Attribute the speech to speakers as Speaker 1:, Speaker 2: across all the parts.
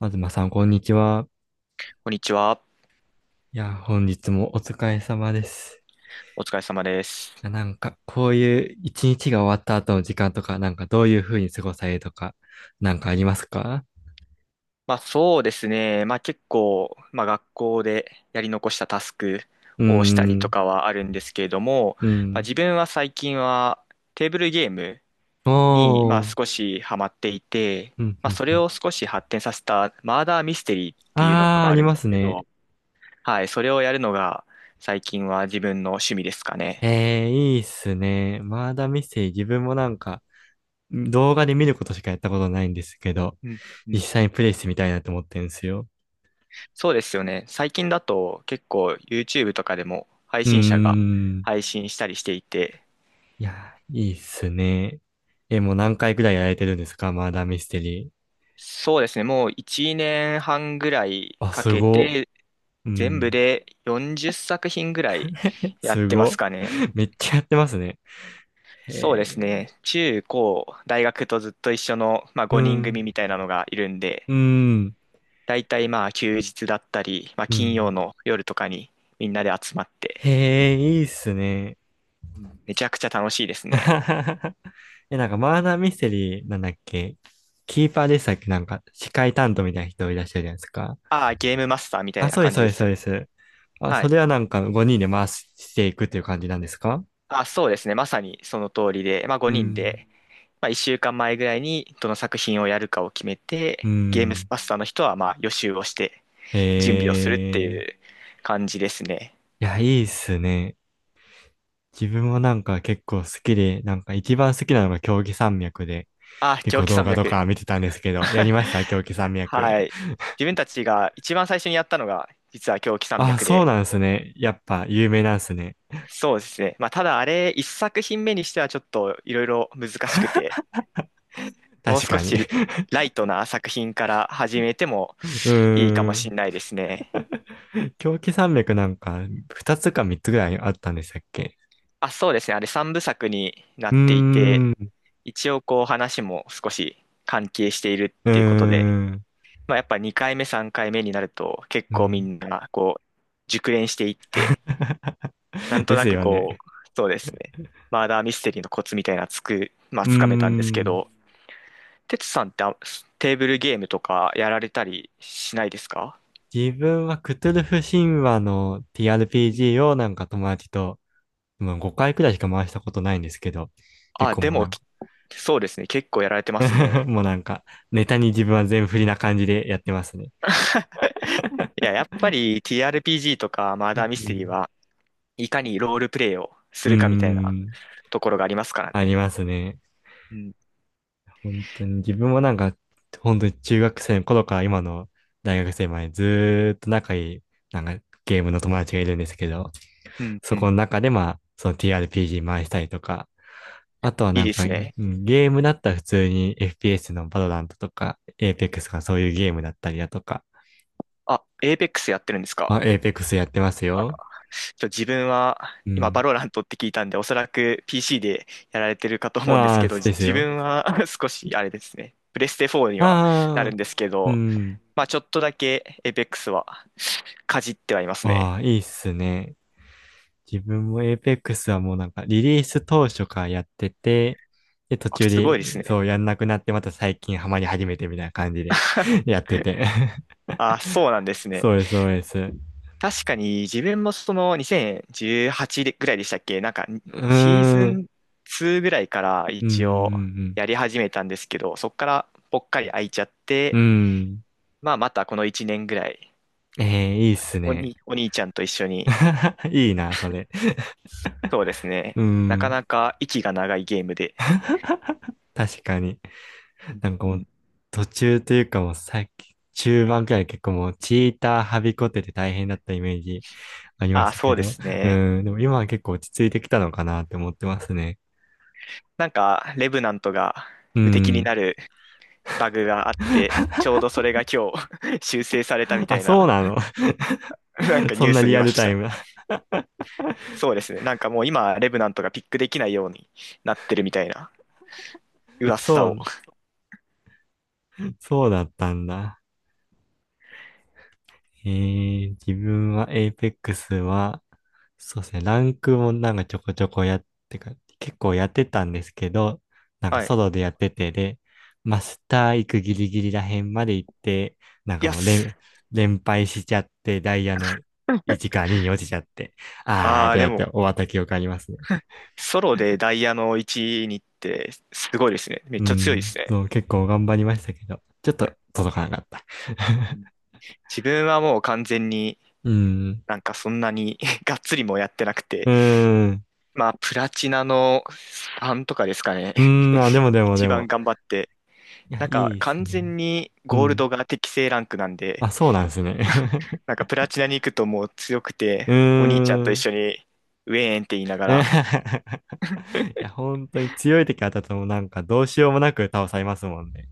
Speaker 1: まずまさん、こんにちは。
Speaker 2: こんにちは。
Speaker 1: いや、本日もお疲れ様です。
Speaker 2: お疲れ様です。
Speaker 1: こういう一日が終わった後の時間とか、どういう風に過ごされるとか、なんかありますか？
Speaker 2: まあそうですね。まあ結構、まあ学校でやり残したタスク
Speaker 1: うー
Speaker 2: をしたりと
Speaker 1: ん、
Speaker 2: かはあるんですけれども、
Speaker 1: う
Speaker 2: まあ
Speaker 1: ん。
Speaker 2: 自分は最近はテーブルゲームにま
Speaker 1: お
Speaker 2: あ
Speaker 1: ー、
Speaker 2: 少しハマっていて、
Speaker 1: うん、
Speaker 2: ま
Speaker 1: う
Speaker 2: あ
Speaker 1: ん、
Speaker 2: そ
Speaker 1: う
Speaker 2: れ
Speaker 1: ん。
Speaker 2: を少し発展させたマーダーミステリーっていうの
Speaker 1: あー、
Speaker 2: が
Speaker 1: あ
Speaker 2: あ
Speaker 1: り
Speaker 2: るん
Speaker 1: ま
Speaker 2: です
Speaker 1: す
Speaker 2: け
Speaker 1: ね。
Speaker 2: ど、はい、それをやるのが最近は自分の趣味ですかね。
Speaker 1: えー、いいっすね。まだミステリー、自分も動画で見ることしかやったことないんですけど、
Speaker 2: うん、う
Speaker 1: 実
Speaker 2: ん、
Speaker 1: 際にプレイしてみたいなと思ってるんですよ。
Speaker 2: そうですよね。最近だと結構 YouTube とかでも配
Speaker 1: うー
Speaker 2: 信者が
Speaker 1: ん。
Speaker 2: 配信したりしていて、
Speaker 1: いや、いいっすね。え、
Speaker 2: うん、
Speaker 1: もう何回くらいやられてるんですか、マーダーミステリー。
Speaker 2: そうですね。もう1年半ぐらい
Speaker 1: あ、
Speaker 2: か
Speaker 1: す
Speaker 2: け
Speaker 1: ご。
Speaker 2: て、
Speaker 1: う
Speaker 2: 全部
Speaker 1: ん。
Speaker 2: で40作品ぐらい
Speaker 1: え
Speaker 2: やっ
Speaker 1: す
Speaker 2: てます
Speaker 1: ご。
Speaker 2: かね。
Speaker 1: めっちゃやってますね。へ
Speaker 2: そうです
Speaker 1: え。
Speaker 2: ね。中高、大学とずっと一緒の、まあ、
Speaker 1: う
Speaker 2: 5人
Speaker 1: ん。
Speaker 2: 組みたいなのがいるんで、
Speaker 1: うん。
Speaker 2: だいたいまあ休日だったり、まあ、
Speaker 1: う
Speaker 2: 金曜
Speaker 1: ん。
Speaker 2: の夜とかにみんなで集まって、
Speaker 1: へえ、いいっすね。
Speaker 2: めちゃくちゃ楽しいですね。
Speaker 1: え、マーダーミステリーなんだっけ、キーパーでしたっけ、なんか、司会担当みたいな人いらっしゃるじゃないですか。
Speaker 2: ああ、ゲームマスターみた
Speaker 1: あ、
Speaker 2: いな
Speaker 1: そうです、
Speaker 2: 感
Speaker 1: そ
Speaker 2: じ
Speaker 1: う
Speaker 2: で
Speaker 1: です、
Speaker 2: す
Speaker 1: そう
Speaker 2: よ
Speaker 1: で
Speaker 2: ね。
Speaker 1: す。あ、
Speaker 2: は
Speaker 1: そ
Speaker 2: い。
Speaker 1: れはなんか5人で回していくっていう感じなんですか？
Speaker 2: あ、そうですね。まさにその通りで、まあ
Speaker 1: う
Speaker 2: 5人
Speaker 1: ん。
Speaker 2: で、まあ1週間前ぐらいにどの作品をやるかを決め
Speaker 1: う
Speaker 2: て、ゲーム
Speaker 1: ん。
Speaker 2: マスターの人はまあ予習をして準備をするってい
Speaker 1: え
Speaker 2: う
Speaker 1: え。
Speaker 2: 感じですね。
Speaker 1: いや、いいっすね。自分も結構好きで、なんか一番好きなのが競技山脈で、
Speaker 2: あ、
Speaker 1: 結
Speaker 2: 狂
Speaker 1: 構
Speaker 2: 気
Speaker 1: 動
Speaker 2: 山
Speaker 1: 画と
Speaker 2: 脈。
Speaker 1: か見てたんですけど、やりました、競技山脈。
Speaker 2: はい。自分たちが一番最初にやったのが実は狂気山
Speaker 1: あ、
Speaker 2: 脈
Speaker 1: そう
Speaker 2: で、
Speaker 1: なんですね。やっぱ有名なんですね。
Speaker 2: そうですね。まあただあれ、1作品目にしてはちょっといろいろ難しくて、もう
Speaker 1: 確
Speaker 2: 少
Speaker 1: かに。
Speaker 2: しライトな作品から始めても
Speaker 1: う
Speaker 2: いいか
Speaker 1: ー
Speaker 2: もし
Speaker 1: ん。
Speaker 2: れないですね。
Speaker 1: 狂気山脈、なんか2つか3つぐらいあったんでしたっけ？
Speaker 2: あ、そうですね。あれ三部作にな
Speaker 1: うー
Speaker 2: っていて、
Speaker 1: ん、う
Speaker 2: 一応こう話も少し関係している
Speaker 1: ー
Speaker 2: っていうことで、
Speaker 1: ん、
Speaker 2: まあやっぱ2回目3回目になると結
Speaker 1: う
Speaker 2: 構み
Speaker 1: ん。
Speaker 2: んなこう熟練していって、な んと
Speaker 1: で
Speaker 2: な
Speaker 1: す
Speaker 2: く
Speaker 1: よ
Speaker 2: こ
Speaker 1: ね。
Speaker 2: う、そうですね。マーダーミステリーのコツみたいなまあ
Speaker 1: うー
Speaker 2: つかめたんですけ
Speaker 1: ん。
Speaker 2: ど、テツさんってテーブルゲームとかやられたりしないですか？
Speaker 1: 自分はクトゥルフ神話の
Speaker 2: うん。
Speaker 1: TRPG を友達と、もう5回くらいしか回したことないんですけど、結
Speaker 2: あ、
Speaker 1: 構
Speaker 2: で
Speaker 1: もうな
Speaker 2: も
Speaker 1: んか
Speaker 2: きそうですね。結構やられてます ね。
Speaker 1: もうなんか、ネタに自分は全振りな感じでやってますね。
Speaker 2: いや、やっぱり TRPG とかマー
Speaker 1: う
Speaker 2: ダーミステリー
Speaker 1: ん。
Speaker 2: はいかにロールプレイをす
Speaker 1: うー
Speaker 2: るかみたいな
Speaker 1: ん、
Speaker 2: ところがありますから
Speaker 1: あり
Speaker 2: ね。
Speaker 1: ますね。
Speaker 2: うん、
Speaker 1: 本当に自分もなんか、本当に中学生の頃から今の大学生まで、ずーっと仲いい、なんかゲームの友達がいるんですけど、
Speaker 2: うん、
Speaker 1: そ
Speaker 2: う
Speaker 1: この
Speaker 2: ん。
Speaker 1: 中でまあ、その TRPG 回したりとか、あとは
Speaker 2: いいですね。
Speaker 1: ゲームだったら普通に FPS のバロラントとか、Apex とかそういうゲームだったりだとか。
Speaker 2: あ、エーペックスやってるんです
Speaker 1: あ、
Speaker 2: か？
Speaker 1: Apex やってます
Speaker 2: あ、
Speaker 1: よ。
Speaker 2: 自分は
Speaker 1: う
Speaker 2: 今バ
Speaker 1: ん。
Speaker 2: ロラントって聞いたんで、おそらく PC でやられてるかと思うんです
Speaker 1: あ
Speaker 2: け
Speaker 1: あ、
Speaker 2: ど、
Speaker 1: です
Speaker 2: 自
Speaker 1: よ。
Speaker 2: 分は 少しあれですね。プレステ4にはな
Speaker 1: あ
Speaker 2: る
Speaker 1: あ、
Speaker 2: んですけ
Speaker 1: う
Speaker 2: ど、
Speaker 1: ん。
Speaker 2: まあちょっとだけエーペックスはかじってはいますね。
Speaker 1: ああ、いいっすね。自分も Apex はもうなんかリリース当初からやってて、で、途
Speaker 2: あ、
Speaker 1: 中
Speaker 2: すご
Speaker 1: で
Speaker 2: いですね。
Speaker 1: そうやんなくなってまた最近ハマり始めてみたいな感じで やってて。
Speaker 2: あ、そうなんですね。
Speaker 1: そうです、そうです。
Speaker 2: 確かに自分もその2018ぐらいでしたっけなんか
Speaker 1: う
Speaker 2: シーズ
Speaker 1: ーん。
Speaker 2: ン2ぐらいから
Speaker 1: うんう
Speaker 2: 一応
Speaker 1: ん
Speaker 2: やり始めたんですけど、そこからぽっかり空いちゃっ
Speaker 1: うん。
Speaker 2: て、
Speaker 1: うん。
Speaker 2: まあまたこの1年ぐらい、
Speaker 1: ええ、いいっすね。
Speaker 2: お兄ちゃんと一緒に、
Speaker 1: いいな、それ。
Speaker 2: そうです
Speaker 1: う
Speaker 2: ね。なか
Speaker 1: ん。
Speaker 2: なか息が長いゲームで。
Speaker 1: 確かに。なんか
Speaker 2: う
Speaker 1: もう、
Speaker 2: ん。
Speaker 1: 途中というかもうさっき、中盤くらい結構もう、チーターはびこってて大変だったイメージありま
Speaker 2: あ
Speaker 1: し
Speaker 2: あ、
Speaker 1: た
Speaker 2: そ
Speaker 1: け
Speaker 2: うで
Speaker 1: ど。
Speaker 2: すね。
Speaker 1: うん。でも今は結構落ち着いてきたのかなって思ってますね。
Speaker 2: なんか、レブナントが
Speaker 1: う
Speaker 2: 無敵に
Speaker 1: ん。
Speaker 2: なるバグがあって、ちょうどそれが今日 修正されたみた
Speaker 1: あ、
Speaker 2: い
Speaker 1: そう
Speaker 2: な、
Speaker 1: なの。
Speaker 2: なん か
Speaker 1: そ
Speaker 2: ニュ
Speaker 1: ん
Speaker 2: ー
Speaker 1: な
Speaker 2: ス
Speaker 1: リ
Speaker 2: 見
Speaker 1: ア
Speaker 2: ま
Speaker 1: ル
Speaker 2: し
Speaker 1: タイ
Speaker 2: た。
Speaker 1: ムな。
Speaker 2: そうですね。なんかもう今、レブナントがピックできないようになってるみたいな
Speaker 1: そ
Speaker 2: 噂を。
Speaker 1: う、そうだったんだ。えー、自分はエイペックスは、そうですね、ランクもちょこちょこやって、結構やってたんですけど、なんか
Speaker 2: はい。
Speaker 1: ソロでやってて、で、マスター行くギリギリらへんまで行って、なん
Speaker 2: い
Speaker 1: か
Speaker 2: や、
Speaker 1: もう
Speaker 2: す
Speaker 1: 連、連敗しちゃって、ダイヤの1か2に落ちちゃって、あーっ
Speaker 2: あー、
Speaker 1: てな
Speaker 2: で
Speaker 1: って
Speaker 2: も、
Speaker 1: 終わった記憶ありますね。
Speaker 2: ソロでダイヤの1にってすごいですね。めっ
Speaker 1: う
Speaker 2: ちゃ強いで
Speaker 1: ん、
Speaker 2: すね。
Speaker 1: そう、結構頑張りましたけど、ちょっと届かなかった。
Speaker 2: うん、 自分はもう完全に
Speaker 1: うん、
Speaker 2: なんかそんなに がっつりもやってなくて、
Speaker 1: うん、
Speaker 2: まあ、プラチナのさんとかですかね。
Speaker 1: うん、あ、で もでも
Speaker 2: 一
Speaker 1: で
Speaker 2: 番
Speaker 1: も、
Speaker 2: 頑張って。
Speaker 1: いや、
Speaker 2: な
Speaker 1: い
Speaker 2: んか
Speaker 1: いです
Speaker 2: 完
Speaker 1: ね。
Speaker 2: 全に
Speaker 1: う
Speaker 2: ゴール
Speaker 1: ん。
Speaker 2: ドが適正ランクなんで、
Speaker 1: あ、そうなんですね。
Speaker 2: なん かプラチナに行くともう強く
Speaker 1: う
Speaker 2: て、
Speaker 1: ー
Speaker 2: お兄ちゃんと一
Speaker 1: ん。
Speaker 2: 緒にウェーンって言いながら
Speaker 1: いや、本当に強い敵当たってもなんかどうしようもなく倒されますもんね。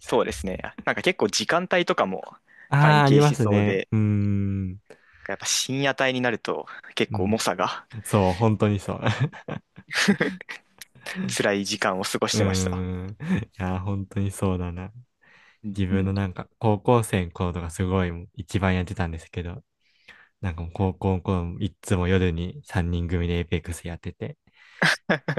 Speaker 2: そうですね。なんか結構時間帯とかも
Speaker 1: あ
Speaker 2: 関
Speaker 1: あ、あり
Speaker 2: 係
Speaker 1: ま
Speaker 2: し
Speaker 1: す
Speaker 2: そう
Speaker 1: ね。
Speaker 2: で、
Speaker 1: うーん。
Speaker 2: やっぱ深夜帯になると結
Speaker 1: う
Speaker 2: 構重
Speaker 1: ん。
Speaker 2: さが
Speaker 1: そう、本当にそう。
Speaker 2: 辛い時間を過ごし
Speaker 1: うー
Speaker 2: てました。
Speaker 1: ん。いや、本当にそうだな。
Speaker 2: うん、
Speaker 1: 自
Speaker 2: う
Speaker 1: 分の
Speaker 2: ん。
Speaker 1: なんか高校生の頃とかすごいもう一番やってたんですけど、なんかもう高校の頃もいっつも夜に3人組でエイペックスやってて、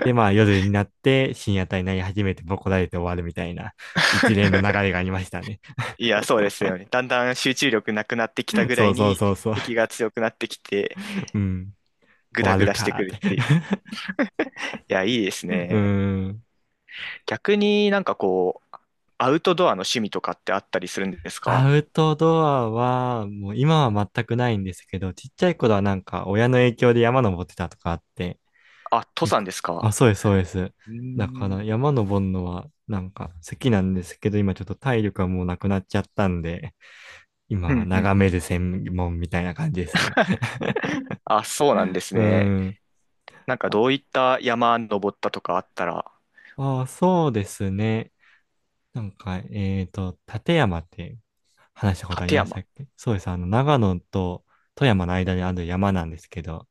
Speaker 1: で、まあ夜になって深夜帯になり始めてボコられて終わるみたいな 一連の流れがありましたね。
Speaker 2: いや、そうですよね。だんだん集中力なくなってきた ぐら
Speaker 1: そ
Speaker 2: い
Speaker 1: うそう
Speaker 2: に
Speaker 1: そうそう。
Speaker 2: 敵が強くなってきて、
Speaker 1: うん。
Speaker 2: グ
Speaker 1: 終
Speaker 2: ダ
Speaker 1: わ
Speaker 2: グ
Speaker 1: る
Speaker 2: ダしてく
Speaker 1: か
Speaker 2: る
Speaker 1: ー
Speaker 2: っていう。
Speaker 1: っ
Speaker 2: いや、いいです
Speaker 1: て。 う
Speaker 2: ね。
Speaker 1: ん。
Speaker 2: 逆になんかこう、アウトドアの趣味とかってあったりするんです
Speaker 1: ア
Speaker 2: か？
Speaker 1: ウトドアは、もう今は全くないんですけど、ちっちゃい頃はなんか親の影響で山登ってたとかあって、
Speaker 2: あ、登
Speaker 1: 結
Speaker 2: 山
Speaker 1: 構、
Speaker 2: ですか？
Speaker 1: あ、そうです、そうです。
Speaker 2: うー
Speaker 1: だから
Speaker 2: ん、
Speaker 1: 山登るのは好きなんですけど、今ちょっと体力がもうなくなっちゃったんで、今
Speaker 2: う
Speaker 1: は
Speaker 2: ん、うん、
Speaker 1: 眺
Speaker 2: う
Speaker 1: め
Speaker 2: ん。
Speaker 1: る専門みたいな感じですね。
Speaker 2: あ、そうなんで す
Speaker 1: う
Speaker 2: ね。
Speaker 1: ん。
Speaker 2: なんかどういった山登ったとかあったら
Speaker 1: ああ、そうですね。立山って話したことあり
Speaker 2: 立
Speaker 1: ま
Speaker 2: 山。
Speaker 1: したっけ？そうです。あの、長野と富山の間にある山なんですけど、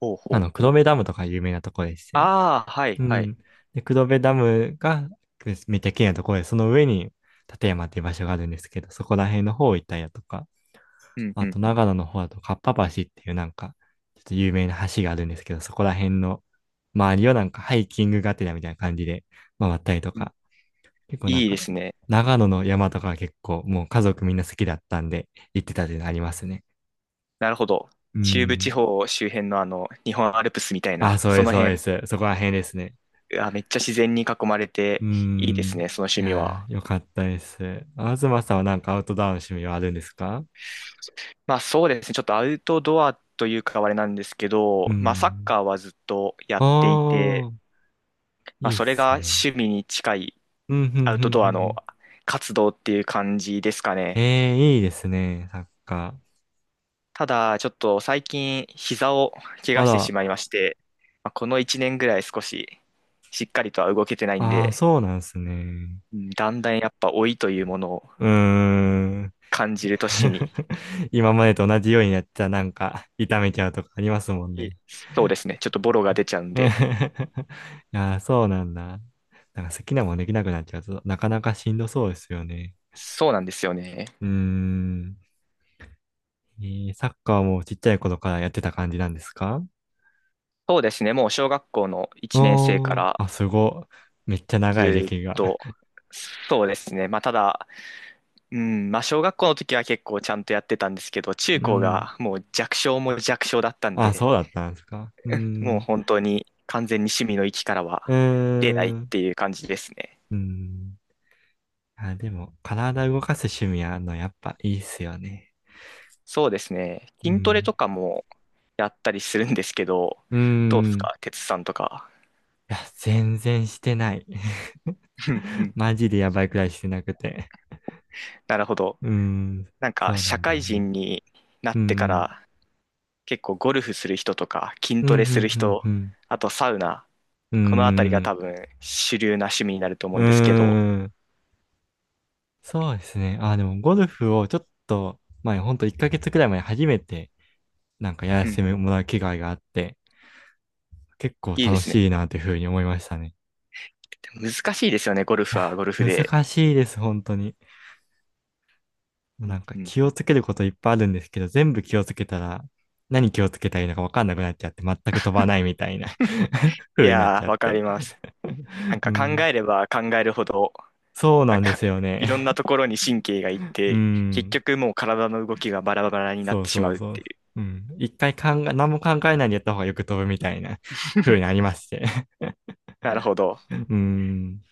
Speaker 2: ほう
Speaker 1: あ
Speaker 2: ほう
Speaker 1: の、
Speaker 2: ほ
Speaker 1: 黒
Speaker 2: う。
Speaker 1: 部ダムとか有名なとこでして。
Speaker 2: ああ、はい、
Speaker 1: う
Speaker 2: はい。
Speaker 1: ん。で、黒部ダムがめっちゃ綺麗なところで、その上に立山っていう場所があるんですけど、そこら辺の方行ったりだとか、
Speaker 2: うん、
Speaker 1: あ
Speaker 2: う
Speaker 1: と
Speaker 2: ん、
Speaker 1: 長野の方だと、かっぱ橋っていうちょっと有名な橋があるんですけど、そこら辺の周りをなんかハイキングがてらみたいな感じで回ったりと
Speaker 2: うん。
Speaker 1: か、結構なん
Speaker 2: いいで
Speaker 1: か、
Speaker 2: すね。
Speaker 1: 長野の山とかは結構もう家族みんな好きだったんで行ってたっていうのありますね。
Speaker 2: なるほど。
Speaker 1: うー
Speaker 2: 中部地
Speaker 1: ん。
Speaker 2: 方周辺のあの、日本アルプスみたい
Speaker 1: あ、
Speaker 2: な、
Speaker 1: そう
Speaker 2: そ
Speaker 1: です、
Speaker 2: の
Speaker 1: そうで
Speaker 2: 辺、
Speaker 1: す。そこら辺ですね。
Speaker 2: あ、めっちゃ自然に囲まれ
Speaker 1: うー
Speaker 2: ていいです
Speaker 1: ん。
Speaker 2: ね、その
Speaker 1: い
Speaker 2: 趣味
Speaker 1: や
Speaker 2: は。
Speaker 1: ー、よかったです。東さんはなんかアウトドアの趣味はあるんですか？
Speaker 2: まあそうですね、ちょっとアウトドアというかあれなんですけ
Speaker 1: う
Speaker 2: ど、まあサッ
Speaker 1: ん。
Speaker 2: カーはずっとやってい
Speaker 1: お
Speaker 2: て、
Speaker 1: ー、
Speaker 2: まあ
Speaker 1: いいっ
Speaker 2: それ
Speaker 1: す
Speaker 2: が
Speaker 1: ね。
Speaker 2: 趣味に近い
Speaker 1: うん、ふ
Speaker 2: ア
Speaker 1: ん、
Speaker 2: ウ
Speaker 1: ふ
Speaker 2: ト
Speaker 1: ん、
Speaker 2: ド
Speaker 1: ふ
Speaker 2: ア
Speaker 1: ん、ふ
Speaker 2: の
Speaker 1: ん。
Speaker 2: 活動っていう感じですかね。
Speaker 1: えー、いいですね、サッカ
Speaker 2: ただ、ちょっと最近、膝を怪
Speaker 1: ー。あ
Speaker 2: 我して
Speaker 1: ら、
Speaker 2: しまいまして、まあこの1年ぐらい少し、しっかりとは動けてないん
Speaker 1: あー、
Speaker 2: で、
Speaker 1: そうなんですね。
Speaker 2: うん、だんだんやっぱ老いというものを
Speaker 1: うーん。
Speaker 2: 感じる年に、
Speaker 1: 今までと同じようにやったらなんか痛めちゃうとかありますもん
Speaker 2: い
Speaker 1: ね。
Speaker 2: そうですね、ちょっとボロが出ちゃうん
Speaker 1: うん。 い
Speaker 2: で、
Speaker 1: やー、そうなんだ。なんか好きなもんできなくなっちゃうと、なかなかしんどそうですよね。
Speaker 2: そうなんですよね。
Speaker 1: うーん。えー、サッカーもちっちゃい頃からやってた感じなんですか？
Speaker 2: そうですね、もう小学校の1年生か
Speaker 1: おー、
Speaker 2: ら
Speaker 1: あ、すご。めっちゃ長い
Speaker 2: ず
Speaker 1: 歴
Speaker 2: っ
Speaker 1: が。
Speaker 2: と、そうですね、まあただ、うん、まあ小学校の時は結構ちゃんとやってたんですけど、中
Speaker 1: う
Speaker 2: 高
Speaker 1: ん。
Speaker 2: がもう弱小も弱小だったん
Speaker 1: あ、そう
Speaker 2: で、
Speaker 1: だったんですか。うー
Speaker 2: もう
Speaker 1: ん。
Speaker 2: 本当に完全に趣味の域から
Speaker 1: う
Speaker 2: は出ない
Speaker 1: ー
Speaker 2: っ
Speaker 1: ん。
Speaker 2: ていう感じですね。
Speaker 1: うーん。あ、でも、体動かす趣味あるの、やっぱいいっすよね。
Speaker 2: そうですね。
Speaker 1: う
Speaker 2: 筋トレ
Speaker 1: ん。
Speaker 2: とかもやったりするんですけど、
Speaker 1: う
Speaker 2: どうです
Speaker 1: ん。
Speaker 2: か、哲さんとか。
Speaker 1: いや、全然してない。
Speaker 2: うん、う ん、
Speaker 1: マジでやばいくらいしてなくて。
Speaker 2: なるほど。
Speaker 1: うん。
Speaker 2: なんか
Speaker 1: そうな
Speaker 2: 社
Speaker 1: んだ
Speaker 2: 会
Speaker 1: よね。
Speaker 2: 人にな
Speaker 1: う
Speaker 2: ってか
Speaker 1: ん。
Speaker 2: ら結構ゴルフする人とか筋
Speaker 1: うん、う
Speaker 2: トレする
Speaker 1: ん、う
Speaker 2: 人、
Speaker 1: ん、
Speaker 2: あとサウナ、
Speaker 1: うん。
Speaker 2: このあたりが
Speaker 1: うん。
Speaker 2: 多分主流な趣味になると思
Speaker 1: う
Speaker 2: うんですけど、
Speaker 1: ん。そうですね。あ、でも、ゴルフをちょっと前、ほんと1ヶ月くらい前初めて、なんかやら
Speaker 2: う
Speaker 1: せ
Speaker 2: ん、
Speaker 1: てもらう機会があって、結構
Speaker 2: いいで
Speaker 1: 楽
Speaker 2: すね。
Speaker 1: しいなというふうに思いましたね。
Speaker 2: でも難しいですよね、ゴル
Speaker 1: い
Speaker 2: フは
Speaker 1: や、
Speaker 2: ゴルフで。
Speaker 1: 難しいです、本当に。もう
Speaker 2: う
Speaker 1: な
Speaker 2: ん、
Speaker 1: んか
Speaker 2: うん、
Speaker 1: 気
Speaker 2: う
Speaker 1: を
Speaker 2: ん、
Speaker 1: つけることいっぱいあるんですけど、全部気をつけたら、何気をつけたらいいのか分かんなくなっちゃって、全く飛ばないみたいな
Speaker 2: い
Speaker 1: 風になっ
Speaker 2: や
Speaker 1: ち
Speaker 2: ー、
Speaker 1: ゃっ
Speaker 2: わか
Speaker 1: て。
Speaker 2: ります。なん
Speaker 1: う
Speaker 2: か考
Speaker 1: ん。
Speaker 2: えれば考えるほど、
Speaker 1: そう
Speaker 2: な
Speaker 1: な
Speaker 2: ん
Speaker 1: んで
Speaker 2: か
Speaker 1: すよ
Speaker 2: い
Speaker 1: ね。
Speaker 2: ろんなところに神経がいっ
Speaker 1: う
Speaker 2: て、結
Speaker 1: ん。
Speaker 2: 局もう体の動きがバラバラになっ
Speaker 1: そう
Speaker 2: てし
Speaker 1: そ
Speaker 2: ま
Speaker 1: う
Speaker 2: うっ
Speaker 1: そう。
Speaker 2: ていう。
Speaker 1: うん。一回考え、何も考えないでやった方がよく飛ぶみたいな 風になりまして。
Speaker 2: なるほど。
Speaker 1: うん。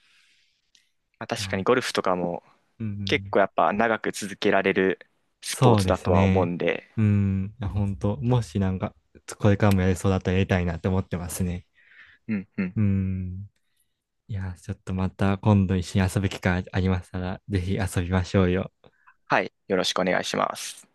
Speaker 2: まあ、確かにゴ
Speaker 1: あ、
Speaker 2: ルフとかも
Speaker 1: う
Speaker 2: 結
Speaker 1: ん。
Speaker 2: 構やっぱ長く続けられるスポー
Speaker 1: そう
Speaker 2: ツ
Speaker 1: で
Speaker 2: だ
Speaker 1: す
Speaker 2: とは思う
Speaker 1: ね。
Speaker 2: んで、
Speaker 1: うん。本当もしこれからもやりそうだったらやりたいなって思ってますね。
Speaker 2: うん、うん。
Speaker 1: うん。いやー、ちょっとまた今度一緒に遊ぶ機会ありましたら、ぜひ遊びましょうよ。
Speaker 2: はい。よろしくお願いします。